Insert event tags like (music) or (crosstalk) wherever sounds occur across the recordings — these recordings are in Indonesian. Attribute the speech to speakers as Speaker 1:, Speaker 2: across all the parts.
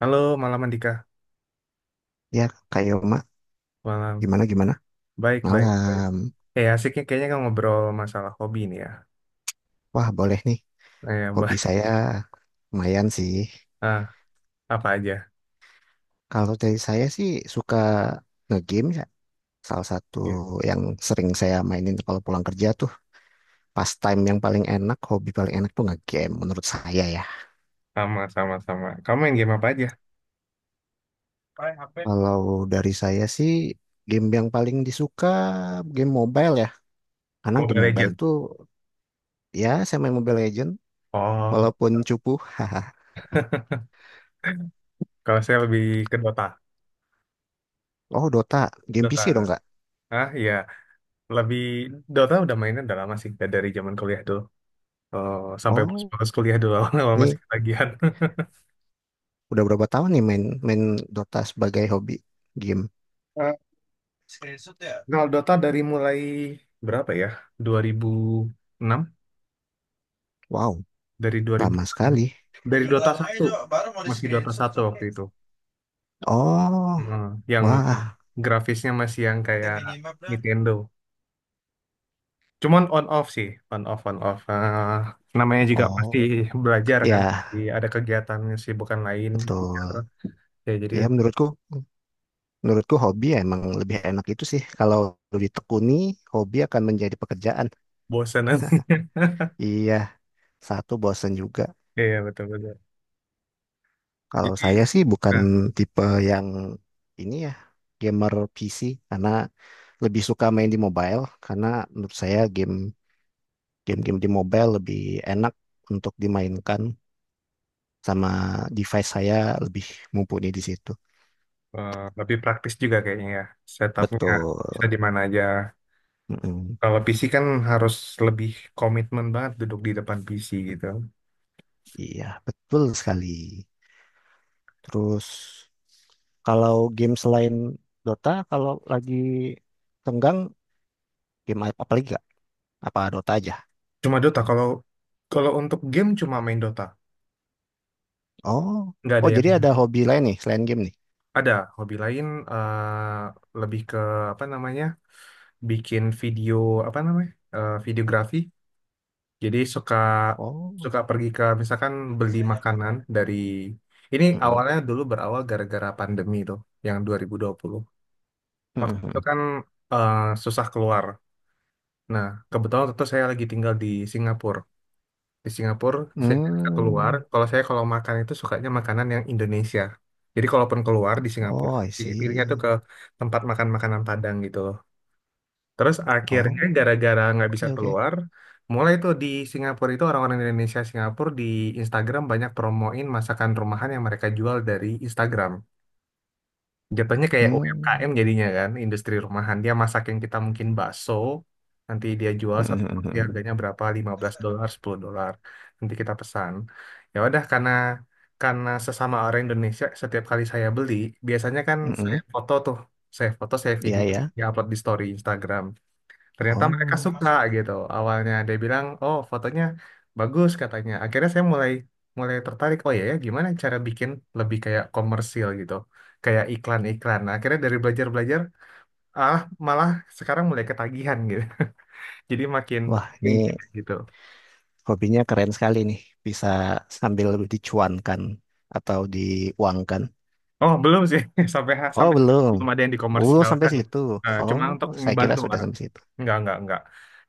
Speaker 1: Halo, malam Andika.
Speaker 2: Ya, Kak Yoma,
Speaker 1: Malam.
Speaker 2: gimana gimana?
Speaker 1: Baik, baik, baik.
Speaker 2: Malam.
Speaker 1: Asiknya kayaknya kan ngobrol masalah hobi nih ya.
Speaker 2: Wah, boleh nih.
Speaker 1: (laughs)
Speaker 2: Hobi
Speaker 1: Baik.
Speaker 2: saya lumayan sih.
Speaker 1: Ah, apa aja?
Speaker 2: Kalau dari saya sih suka nge-game ya. Salah satu
Speaker 1: Iya.
Speaker 2: yang sering saya mainin kalau pulang kerja tuh pastime yang paling enak, hobi paling enak tuh nge-game menurut saya ya.
Speaker 1: Sama, sama, sama. Kamu main game apa aja?
Speaker 2: Kalau dari saya sih game yang paling disuka game mobile ya. Karena
Speaker 1: Mobile
Speaker 2: game mobile
Speaker 1: Legend.
Speaker 2: tuh ya saya main Mobile Legend
Speaker 1: Oh,
Speaker 2: walaupun cupu. (laughs)
Speaker 1: (laughs) kalau saya lebih ke Dota.
Speaker 2: Oh, Dota, game
Speaker 1: Dota.
Speaker 2: PC dong nggak?
Speaker 1: Ah, iya. Lebih Dota udah mainnya udah lama sih, dari zaman kuliah dulu. Oh, sampai
Speaker 2: Oh,
Speaker 1: pas kuliah dulu (laughs) awal masih
Speaker 2: ini
Speaker 1: ketagihan.
Speaker 2: udah berapa tahun nih main main Dota sebagai hobi game?
Speaker 1: Eh, Kalau Dota dari mulai berapa ya? 2006,
Speaker 2: Wow,
Speaker 1: dari dua ribu,
Speaker 2: lama sekali.
Speaker 1: dari Dota satu, masih Dota satu waktu itu.
Speaker 2: Oh,
Speaker 1: Heeh. Yang
Speaker 2: wah,
Speaker 1: grafisnya masih yang kayak Nintendo, cuman on off sih, on off on off. Namanya juga pasti
Speaker 2: oh,
Speaker 1: belajar kan.
Speaker 2: ya
Speaker 1: Jadi ada kegiatan bukan lain,
Speaker 2: betul.
Speaker 1: ya jadi
Speaker 2: Ya menurutku, hobi ya emang lebih enak itu sih. Kalau ditekuni, hobi akan menjadi pekerjaan.
Speaker 1: bosan nanti.
Speaker 2: Iya, satu bosen juga.
Speaker 1: (laughs) Iya betul betul,
Speaker 2: Kalau
Speaker 1: jadi
Speaker 2: saya sih bukan
Speaker 1: nah,
Speaker 2: tipe yang ini ya, gamer PC karena lebih suka main di mobile karena menurut saya game-game di mobile lebih enak untuk dimainkan sama device saya lebih mumpuni di situ.
Speaker 1: lebih praktis juga kayaknya ya setupnya,
Speaker 2: Betul.
Speaker 1: bisa di mana aja.
Speaker 2: Mm-mm.
Speaker 1: Kalau PC kan harus lebih komitmen banget duduk di depan PC gitu.
Speaker 2: Iya, betul sekali. Terus kalau game selain Dota, kalau lagi tenggang game apa apa lagi gak? Apa Dota aja?
Speaker 1: Cuma Dota. Kalau kalau untuk game cuma main Dota.
Speaker 2: Oh,
Speaker 1: Nggak ada
Speaker 2: oh
Speaker 1: yang
Speaker 2: jadi ada hobi lain nih selain game nih.
Speaker 1: ada hobi lain, eh, lebih ke apa namanya? Bikin video, apa namanya? Videografi. Jadi suka
Speaker 2: Oh,
Speaker 1: suka pergi ke misalkan beli makanan dari ini.
Speaker 2: mm-mm.
Speaker 1: Awalnya dulu berawal gara-gara pandemi tuh, yang 2020. Waktu itu
Speaker 2: Mm-mm.
Speaker 1: kan, eh, susah keluar. Nah, kebetulan waktu itu saya lagi tinggal di Singapura. Di Singapura saya nggak keluar,
Speaker 2: Hmm.
Speaker 1: kalau saya kalau makan itu sukanya makanan yang Indonesia. Jadi kalaupun keluar di Singapura,
Speaker 2: Oh, I
Speaker 1: pilihnya tuh
Speaker 2: see.
Speaker 1: ke tempat makan makanan Padang gitu loh. Terus akhirnya
Speaker 2: Oh,
Speaker 1: gara-gara nggak bisa
Speaker 2: oke oke.
Speaker 1: keluar, mulai tuh di Singapura itu orang-orang Indonesia Singapura di Instagram banyak promoin masakan rumahan yang mereka jual dari Instagram. Jatuhnya kayak
Speaker 2: Hmm.
Speaker 1: UMKM jadinya kan, industri rumahan. Dia masak yang kita mungkin bakso, nanti dia jual satu porsi
Speaker 2: Mm-mm.
Speaker 1: harganya berapa, 15 dolar, 10 dolar. Nanti kita pesan. Ya udah karena sesama orang Indonesia, setiap kali saya beli, biasanya kan saya
Speaker 2: Mm-mm.
Speaker 1: foto tuh, saya foto, saya
Speaker 2: Iya
Speaker 1: video,
Speaker 2: ya.
Speaker 1: ya upload di story Instagram. Ternyata mereka
Speaker 2: Oh.
Speaker 1: suka gitu, awalnya dia bilang oh fotonya bagus katanya. Akhirnya saya mulai mulai tertarik oh ya ya gimana cara bikin lebih kayak komersil gitu, kayak iklan-iklan. Nah, akhirnya dari belajar-belajar ah malah sekarang mulai ketagihan gitu. (laughs) Jadi makin
Speaker 2: Wah,
Speaker 1: makin
Speaker 2: ini
Speaker 1: gitu.
Speaker 2: hobinya keren sekali nih, bisa sambil dicuankan atau diuangkan.
Speaker 1: Oh belum sih, (laughs) sampai
Speaker 2: Oh,
Speaker 1: sampai sekarang
Speaker 2: belum.
Speaker 1: belum ada yang
Speaker 2: Oh, belum sampai
Speaker 1: dikomersialkan.
Speaker 2: situ.
Speaker 1: Cuma
Speaker 2: Oh,
Speaker 1: untuk
Speaker 2: saya kira
Speaker 1: ngebantu
Speaker 2: sudah
Speaker 1: orang.
Speaker 2: sampai situ.
Speaker 1: Enggak, enggak.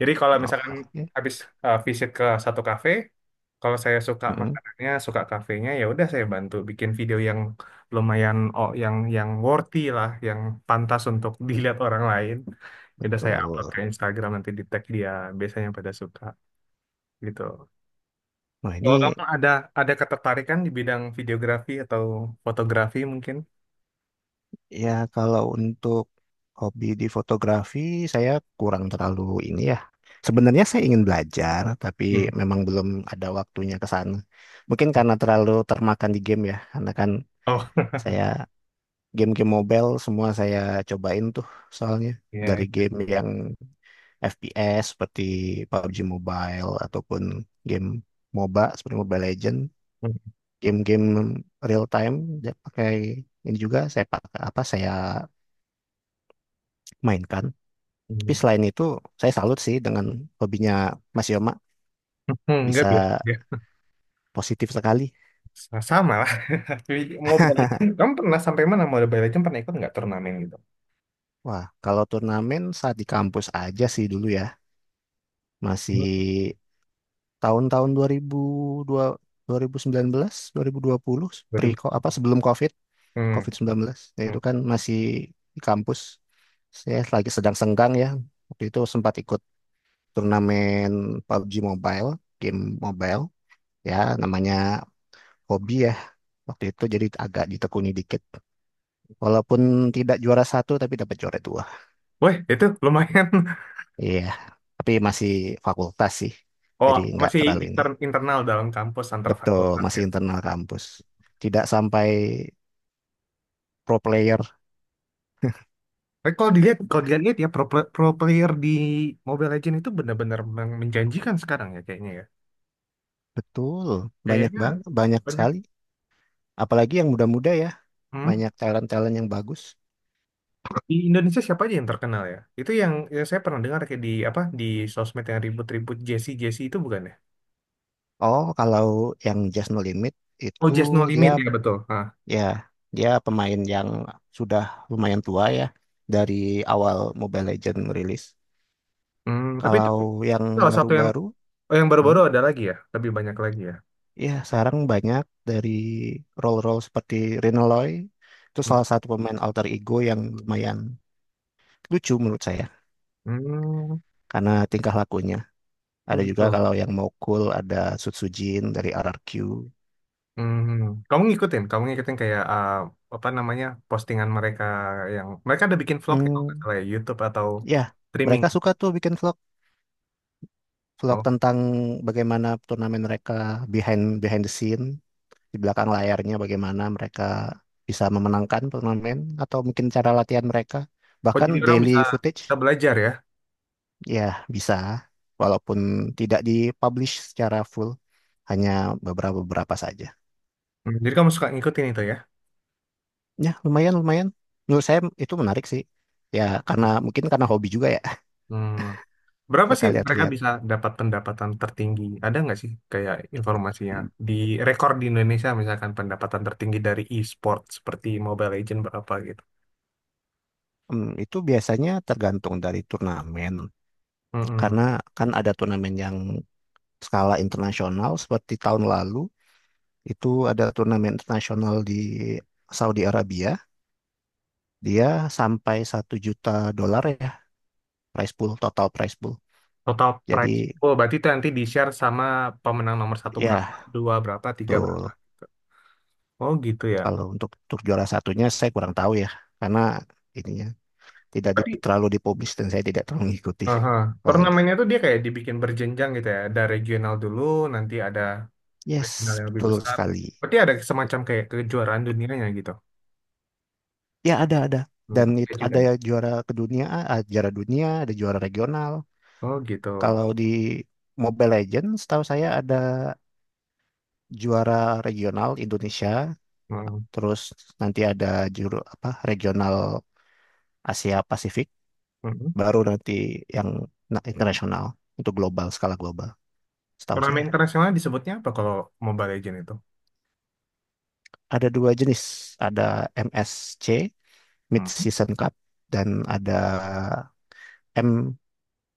Speaker 1: Jadi kalau
Speaker 2: Oh,
Speaker 1: misalkan
Speaker 2: oke.
Speaker 1: habis visit ke satu kafe, kalau saya suka
Speaker 2: Mm-mm.
Speaker 1: makanannya, suka kafenya, ya udah saya bantu bikin video yang lumayan, oh yang worthy lah, yang pantas untuk (laughs) dilihat orang lain. Ya udah saya upload ke
Speaker 2: Tuh.
Speaker 1: Instagram nanti di tag dia, biasanya pada suka gitu.
Speaker 2: Nah, ini
Speaker 1: Kalau kamu ada ketertarikan di bidang videografi atau fotografi mungkin?
Speaker 2: ya kalau untuk hobi di fotografi, saya kurang terlalu ini ya. Sebenarnya saya ingin belajar, tapi
Speaker 1: Hmm.
Speaker 2: memang belum ada waktunya ke sana. Mungkin karena terlalu termakan di game ya, karena kan
Speaker 1: Oh, (laughs)
Speaker 2: saya game-game mobile semua saya cobain tuh soalnya dari
Speaker 1: iya.
Speaker 2: game yang FPS seperti PUBG Mobile ataupun game MOBA seperti Mobile Legend, game-game real time dia pakai ini juga saya pakai apa saya mainkan. Tapi
Speaker 1: Hmm.
Speaker 2: selain itu saya salut sih dengan hobinya Mas Yoma
Speaker 1: (laughs) Enggak
Speaker 2: bisa
Speaker 1: biasa.
Speaker 2: positif sekali.
Speaker 1: Sama lah. (laughs) Tapi Mobile Legends, kamu pernah sampai mana Mobile Legends pernah ikut nggak turnamen gitu?
Speaker 2: Wah, kalau turnamen saat di kampus aja sih dulu ya. Masih
Speaker 1: Ikut.
Speaker 2: tahun-tahun 2002 2019 2020 pre
Speaker 1: 2000.
Speaker 2: apa sebelum COVID
Speaker 1: Hmm.
Speaker 2: COVID-19 ya
Speaker 1: Hmm.
Speaker 2: itu kan masih di kampus, saya lagi sedang senggang ya waktu itu sempat ikut turnamen PUBG Mobile game mobile ya, namanya hobi ya waktu itu jadi agak ditekuni dikit, walaupun tidak juara satu tapi dapat juara dua.
Speaker 1: Wih, itu lumayan. (laughs)
Speaker 2: Iya, tapi masih fakultas sih
Speaker 1: Oh,
Speaker 2: jadi nggak
Speaker 1: masih
Speaker 2: terlalu ini,
Speaker 1: internal dalam kampus antar
Speaker 2: betul
Speaker 1: fakultas
Speaker 2: masih
Speaker 1: ya.
Speaker 2: internal kampus tidak sampai pro player.
Speaker 1: Tapi kalau dilihat ya pro, pro player di Mobile Legends itu benar-benar menjanjikan sekarang ya.
Speaker 2: Betul, banyak
Speaker 1: Kayaknya
Speaker 2: bang, banyak
Speaker 1: banyak.
Speaker 2: sekali. Apalagi yang muda-muda ya,
Speaker 1: Hmm?
Speaker 2: banyak talent-talent yang bagus.
Speaker 1: Di Indonesia siapa aja yang terkenal ya? Itu yang saya pernah dengar kayak di apa di sosmed yang ribut-ribut Jesse Jesse itu bukan ya?
Speaker 2: Oh, kalau yang Just No Limit
Speaker 1: Oh,
Speaker 2: itu
Speaker 1: Just No
Speaker 2: dia
Speaker 1: Limit ya betul. Ah.
Speaker 2: ya dia pemain yang sudah lumayan tua ya, dari awal Mobile Legends rilis.
Speaker 1: Hmm, tapi itu
Speaker 2: Kalau yang
Speaker 1: oh, satu yang
Speaker 2: baru-baru,
Speaker 1: oh, yang baru-baru
Speaker 2: hmm,
Speaker 1: ada lagi ya, lebih banyak lagi ya.
Speaker 2: ya sekarang banyak dari role-role seperti Renoloy, itu
Speaker 1: Hmm,
Speaker 2: salah satu pemain alter ego yang lumayan lucu menurut saya
Speaker 1: hmm,
Speaker 2: karena tingkah lakunya.
Speaker 1: oh
Speaker 2: Ada juga
Speaker 1: gitu.
Speaker 2: kalau yang mau cool ada Sutsujin dari RRQ.
Speaker 1: Hmm, kamu ngikutin kayak apa namanya postingan mereka yang mereka ada bikin vlog ya, kalau nggak
Speaker 2: Hmm,
Speaker 1: salah ya, YouTube atau
Speaker 2: ya,
Speaker 1: streaming.
Speaker 2: mereka suka tuh bikin vlog
Speaker 1: Oh,
Speaker 2: tentang bagaimana turnamen mereka, behind behind the scene, di belakang layarnya bagaimana mereka bisa memenangkan turnamen atau mungkin cara latihan mereka,
Speaker 1: oh
Speaker 2: bahkan
Speaker 1: jadi orang bisa
Speaker 2: daily
Speaker 1: bisa
Speaker 2: footage,
Speaker 1: belajar ya.
Speaker 2: ya bisa, walaupun tidak dipublish secara full, hanya beberapa beberapa saja.
Speaker 1: Hmm, jadi kamu suka ngikutin itu ya?
Speaker 2: Ya, lumayan lumayan. Menurut saya itu menarik sih. Ya, karena mungkin karena hobi juga ya.
Speaker 1: Hmm, berapa
Speaker 2: Suka
Speaker 1: sih mereka
Speaker 2: lihat-lihat.
Speaker 1: bisa dapat pendapatan tertinggi? Ada nggak sih kayak informasinya di rekor di Indonesia misalkan pendapatan tertinggi dari e-sport seperti Mobile Legends berapa gitu?
Speaker 2: Hmm, itu biasanya tergantung dari turnamen,
Speaker 1: Mm-mm.
Speaker 2: karena kan ada turnamen yang skala internasional, seperti tahun lalu itu ada turnamen internasional di Saudi Arabia, dia sampai $1 juta ya, prize pool, total prize pool.
Speaker 1: Total
Speaker 2: Jadi
Speaker 1: price. Oh, berarti itu nanti di-share sama pemenang nomor satu berapa,
Speaker 2: ya
Speaker 1: dua berapa, tiga berapa,
Speaker 2: tuh
Speaker 1: gitu. Oh, gitu ya.
Speaker 2: kalau untuk juara satunya saya kurang tahu ya, karena ininya tidak
Speaker 1: Berarti
Speaker 2: terlalu dipublis dan saya tidak terlalu mengikuti.
Speaker 1: aha.
Speaker 2: Kalau itu.
Speaker 1: Turnamennya tuh dia kayak dibikin berjenjang gitu ya. Ada regional dulu, nanti ada
Speaker 2: Yes,
Speaker 1: regional yang lebih
Speaker 2: betul
Speaker 1: besar.
Speaker 2: sekali.
Speaker 1: Berarti ada semacam kayak kejuaraan dunianya gitu.
Speaker 2: Ya ada
Speaker 1: Hmm,
Speaker 2: dan
Speaker 1: ada
Speaker 2: itu
Speaker 1: juga
Speaker 2: ada
Speaker 1: ya.
Speaker 2: ya juara kedunia, ah, juara dunia, ada juara regional.
Speaker 1: Oh, gitu.
Speaker 2: Kalau di Mobile Legends, setahu saya ada juara regional Indonesia,
Speaker 1: Hmm,
Speaker 2: terus nanti ada juru apa regional Asia Pasifik,
Speaker 1: hmm. Hmm.
Speaker 2: baru nanti yang internasional untuk global, skala global. Setahu
Speaker 1: Turnamen
Speaker 2: saya
Speaker 1: internasional disebutnya apa kalau Mobile Legends itu?
Speaker 2: ada dua jenis, ada MSC Mid
Speaker 1: Hmm.
Speaker 2: Season Cup dan ada.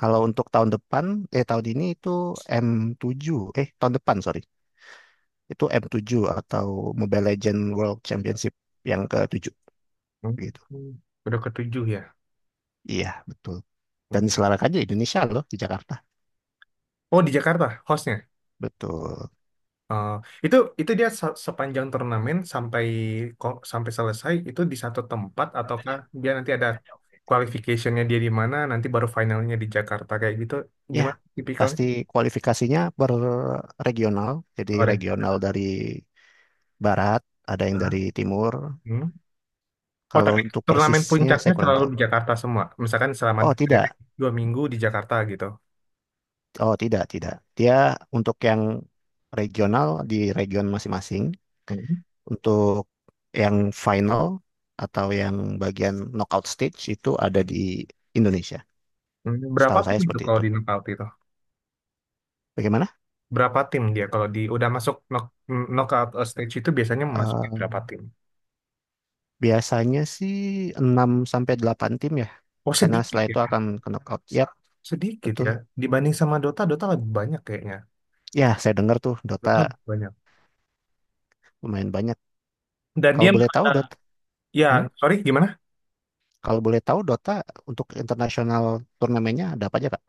Speaker 2: Kalau untuk tahun depan, eh tahun ini itu m tujuh, eh tahun depan, sorry, itu m tujuh atau Mobile Legends World Championship yang ke-7.
Speaker 1: Hmm.
Speaker 2: Gitu.
Speaker 1: Hmm. Udah ketujuh ya.
Speaker 2: Iya, betul. Dan
Speaker 1: Hmm.
Speaker 2: diselenggarakan aja di Indonesia loh, di Jakarta.
Speaker 1: Oh, di Jakarta hostnya.
Speaker 2: Betul.
Speaker 1: eh, itu itu dia sepanjang turnamen sampai sampai selesai itu di satu tempat, ataukah dia nanti ada qualificationnya dia di mana nanti baru finalnya di Jakarta kayak gitu,
Speaker 2: Ya,
Speaker 1: gimana tipikalnya
Speaker 2: pasti kualifikasinya per regional, jadi
Speaker 1: orang gitu.
Speaker 2: regional dari barat, ada yang dari timur.
Speaker 1: Hmm. Oh
Speaker 2: Kalau
Speaker 1: tapi
Speaker 2: untuk
Speaker 1: turnamen
Speaker 2: persisnya
Speaker 1: puncaknya
Speaker 2: saya kurang
Speaker 1: selalu
Speaker 2: tahu.
Speaker 1: di Jakarta semua misalkan selama
Speaker 2: Oh, tidak.
Speaker 1: dua minggu di Jakarta gitu.
Speaker 2: Oh, tidak, tidak. Dia untuk yang regional di region masing-masing.
Speaker 1: Hmm.
Speaker 2: Untuk yang final atau yang bagian knockout stage itu ada di Indonesia.
Speaker 1: Hmm, berapa
Speaker 2: Setahu saya
Speaker 1: tim itu
Speaker 2: seperti
Speaker 1: kalau
Speaker 2: itu.
Speaker 1: di knockout itu?
Speaker 2: Bagaimana?
Speaker 1: Berapa tim dia kalau di udah masuk knockout stage itu biasanya masukin berapa
Speaker 2: Eh,
Speaker 1: tim?
Speaker 2: biasanya sih enam sampai 8 tim ya.
Speaker 1: Oh
Speaker 2: Karena
Speaker 1: sedikit
Speaker 2: setelah itu
Speaker 1: ya.
Speaker 2: akan ke knockout. Yap,
Speaker 1: Sedikit
Speaker 2: betul.
Speaker 1: ya. Dibanding sama Dota, Dota lebih banyak kayaknya.
Speaker 2: Ya, saya dengar tuh Dota
Speaker 1: Dota lebih banyak.
Speaker 2: lumayan banyak.
Speaker 1: Dan
Speaker 2: Kalau
Speaker 1: dia
Speaker 2: boleh tahu
Speaker 1: ada.
Speaker 2: Dota,
Speaker 1: Ya,
Speaker 2: hmm?
Speaker 1: sorry gimana?
Speaker 2: Kalau boleh tahu Dota untuk internasional turnamennya ada apa aja, Kak?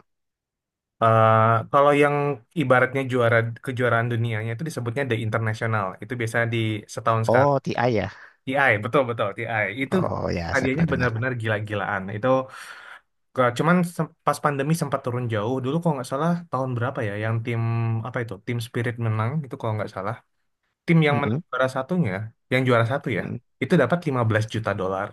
Speaker 1: Eh, Kalau yang ibaratnya juara kejuaraan dunianya itu disebutnya the internasional. Itu biasanya di setahun sekali.
Speaker 2: Oh, TI ya.
Speaker 1: TI, betul betul TI. Itu
Speaker 2: Oh ya, saya
Speaker 1: hadiahnya
Speaker 2: pernah dengar.
Speaker 1: benar-benar gila-gilaan. Itu cuman pas pandemi sempat turun jauh. Dulu kalau nggak salah tahun berapa ya yang tim apa itu? Tim Spirit menang itu kalau nggak salah. Tim yang menang
Speaker 2: Mm-mm,
Speaker 1: juara satunya, yang juara satu ya,
Speaker 2: mm-mm.
Speaker 1: itu dapat 15 juta dolar.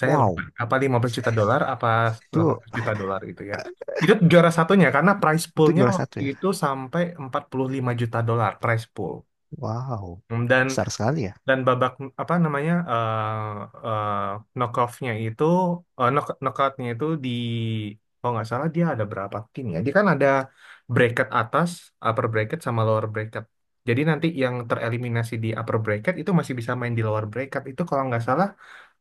Speaker 1: Saya lupa
Speaker 2: Wow,
Speaker 1: apa 15 juta dolar apa
Speaker 2: itu
Speaker 1: 18 juta dolar itu ya, itu juara satunya karena prize
Speaker 2: itu
Speaker 1: poolnya
Speaker 2: juara satu
Speaker 1: waktu
Speaker 2: ya.
Speaker 1: itu sampai 45 juta dolar prize pool.
Speaker 2: Wow,
Speaker 1: Hmm,
Speaker 2: besar sekali ya.
Speaker 1: dan babak apa namanya eh, knockoffnya itu knockoutnya itu di kalau nggak salah dia ada berapa tim ya, dia kan ada bracket atas, upper bracket sama lower bracket, jadi nanti yang tereliminasi di upper bracket itu masih bisa main di lower bracket itu kalau nggak salah.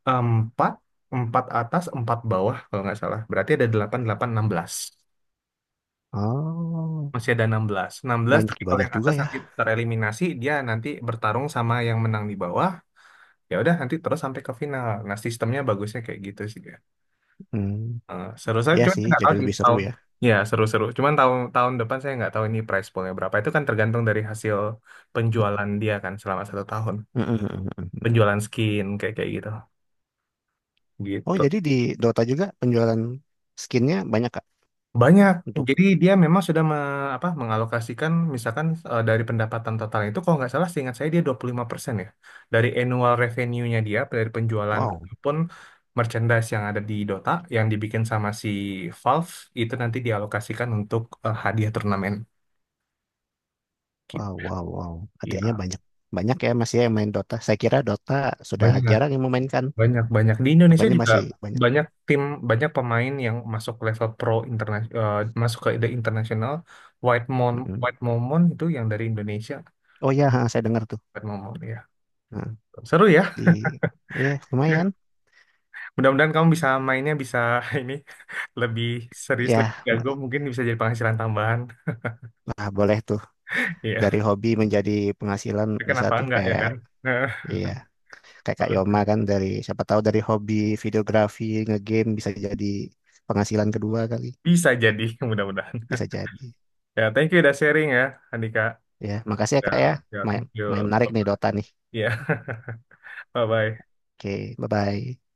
Speaker 1: Empat, empat atas, empat bawah kalau nggak salah. Berarti ada delapan, delapan, enam belas.
Speaker 2: Oh,
Speaker 1: Masih ada enam belas. Enam belas,
Speaker 2: banyak
Speaker 1: tapi kalau
Speaker 2: banyak
Speaker 1: yang
Speaker 2: juga
Speaker 1: atas
Speaker 2: ya.
Speaker 1: nanti tereliminasi, dia nanti bertarung sama yang menang di bawah. Ya udah, nanti terus sampai ke final. Nah, sistemnya bagusnya kayak gitu sih ya.
Speaker 2: Hmm,
Speaker 1: Seru saya
Speaker 2: ya
Speaker 1: cuman
Speaker 2: sih,
Speaker 1: saya nggak
Speaker 2: jadi
Speaker 1: tahu sih
Speaker 2: lebih seru
Speaker 1: tahun.
Speaker 2: ya.
Speaker 1: Ya, seru-seru. Cuman tahun tahun depan saya nggak tahu ini price poolnya berapa. Itu kan tergantung dari hasil penjualan dia kan selama satu tahun.
Speaker 2: Mm, mm, mm, mm.
Speaker 1: Penjualan skin kayak kayak gitu.
Speaker 2: Oh,
Speaker 1: Gitu.
Speaker 2: jadi di Dota juga penjualan skinnya banyak Kak?
Speaker 1: Banyak.
Speaker 2: Untuk
Speaker 1: Jadi dia memang sudah apa, mengalokasikan misalkan dari pendapatan total itu kalau nggak salah seingat saya dia 25% ya. Dari annual revenue-nya dia dari penjualan
Speaker 2: wow,
Speaker 1: pun merchandise yang ada di Dota yang dibikin sama si Valve itu nanti dialokasikan untuk hadiah turnamen.
Speaker 2: wow,
Speaker 1: Gitu.
Speaker 2: wow, wow. Artinya
Speaker 1: Ya,
Speaker 2: banyak banyak ya masih yang main Dota. Saya kira Dota sudah
Speaker 1: banyak,
Speaker 2: jarang yang memainkan.
Speaker 1: banyak, banyak. Di Indonesia
Speaker 2: Rupanya
Speaker 1: juga
Speaker 2: masih banyak.
Speaker 1: banyak tim, banyak pemain yang masuk level pro internasional, masuk ke the international. White Mon,
Speaker 2: Mm-mm.
Speaker 1: White Momon itu yang dari Indonesia.
Speaker 2: Oh ya, saya dengar tuh.
Speaker 1: White Momon iya.
Speaker 2: Nah,
Speaker 1: Seru ya.
Speaker 2: di ya
Speaker 1: Ya.
Speaker 2: lumayan.
Speaker 1: Mudah-mudahan kamu bisa mainnya bisa (laughs) ini lebih serius, lebih
Speaker 2: Ya, ma-
Speaker 1: jago, mungkin bisa jadi penghasilan tambahan.
Speaker 2: nah boleh tuh
Speaker 1: Iya.
Speaker 2: dari hobi menjadi penghasilan bisa
Speaker 1: Kenapa
Speaker 2: tuh
Speaker 1: enggak ya
Speaker 2: kayak.
Speaker 1: kan? Nah,
Speaker 2: Iya, kayak Kak Yoma kan dari siapa tahu dari hobi videografi ngegame bisa jadi penghasilan kedua kali,
Speaker 1: bisa jadi, mudah-mudahan.
Speaker 2: bisa
Speaker 1: (laughs)
Speaker 2: jadi.
Speaker 1: Ya, thank you udah sharing ya, Andika.
Speaker 2: Ya makasih ya
Speaker 1: Ya,
Speaker 2: Kak ya,
Speaker 1: ya,
Speaker 2: main,
Speaker 1: thank
Speaker 2: main
Speaker 1: you.
Speaker 2: menarik nih
Speaker 1: Bye-bye.
Speaker 2: Dota nih,
Speaker 1: Ya, (laughs) bye-bye.
Speaker 2: oke, bye bye.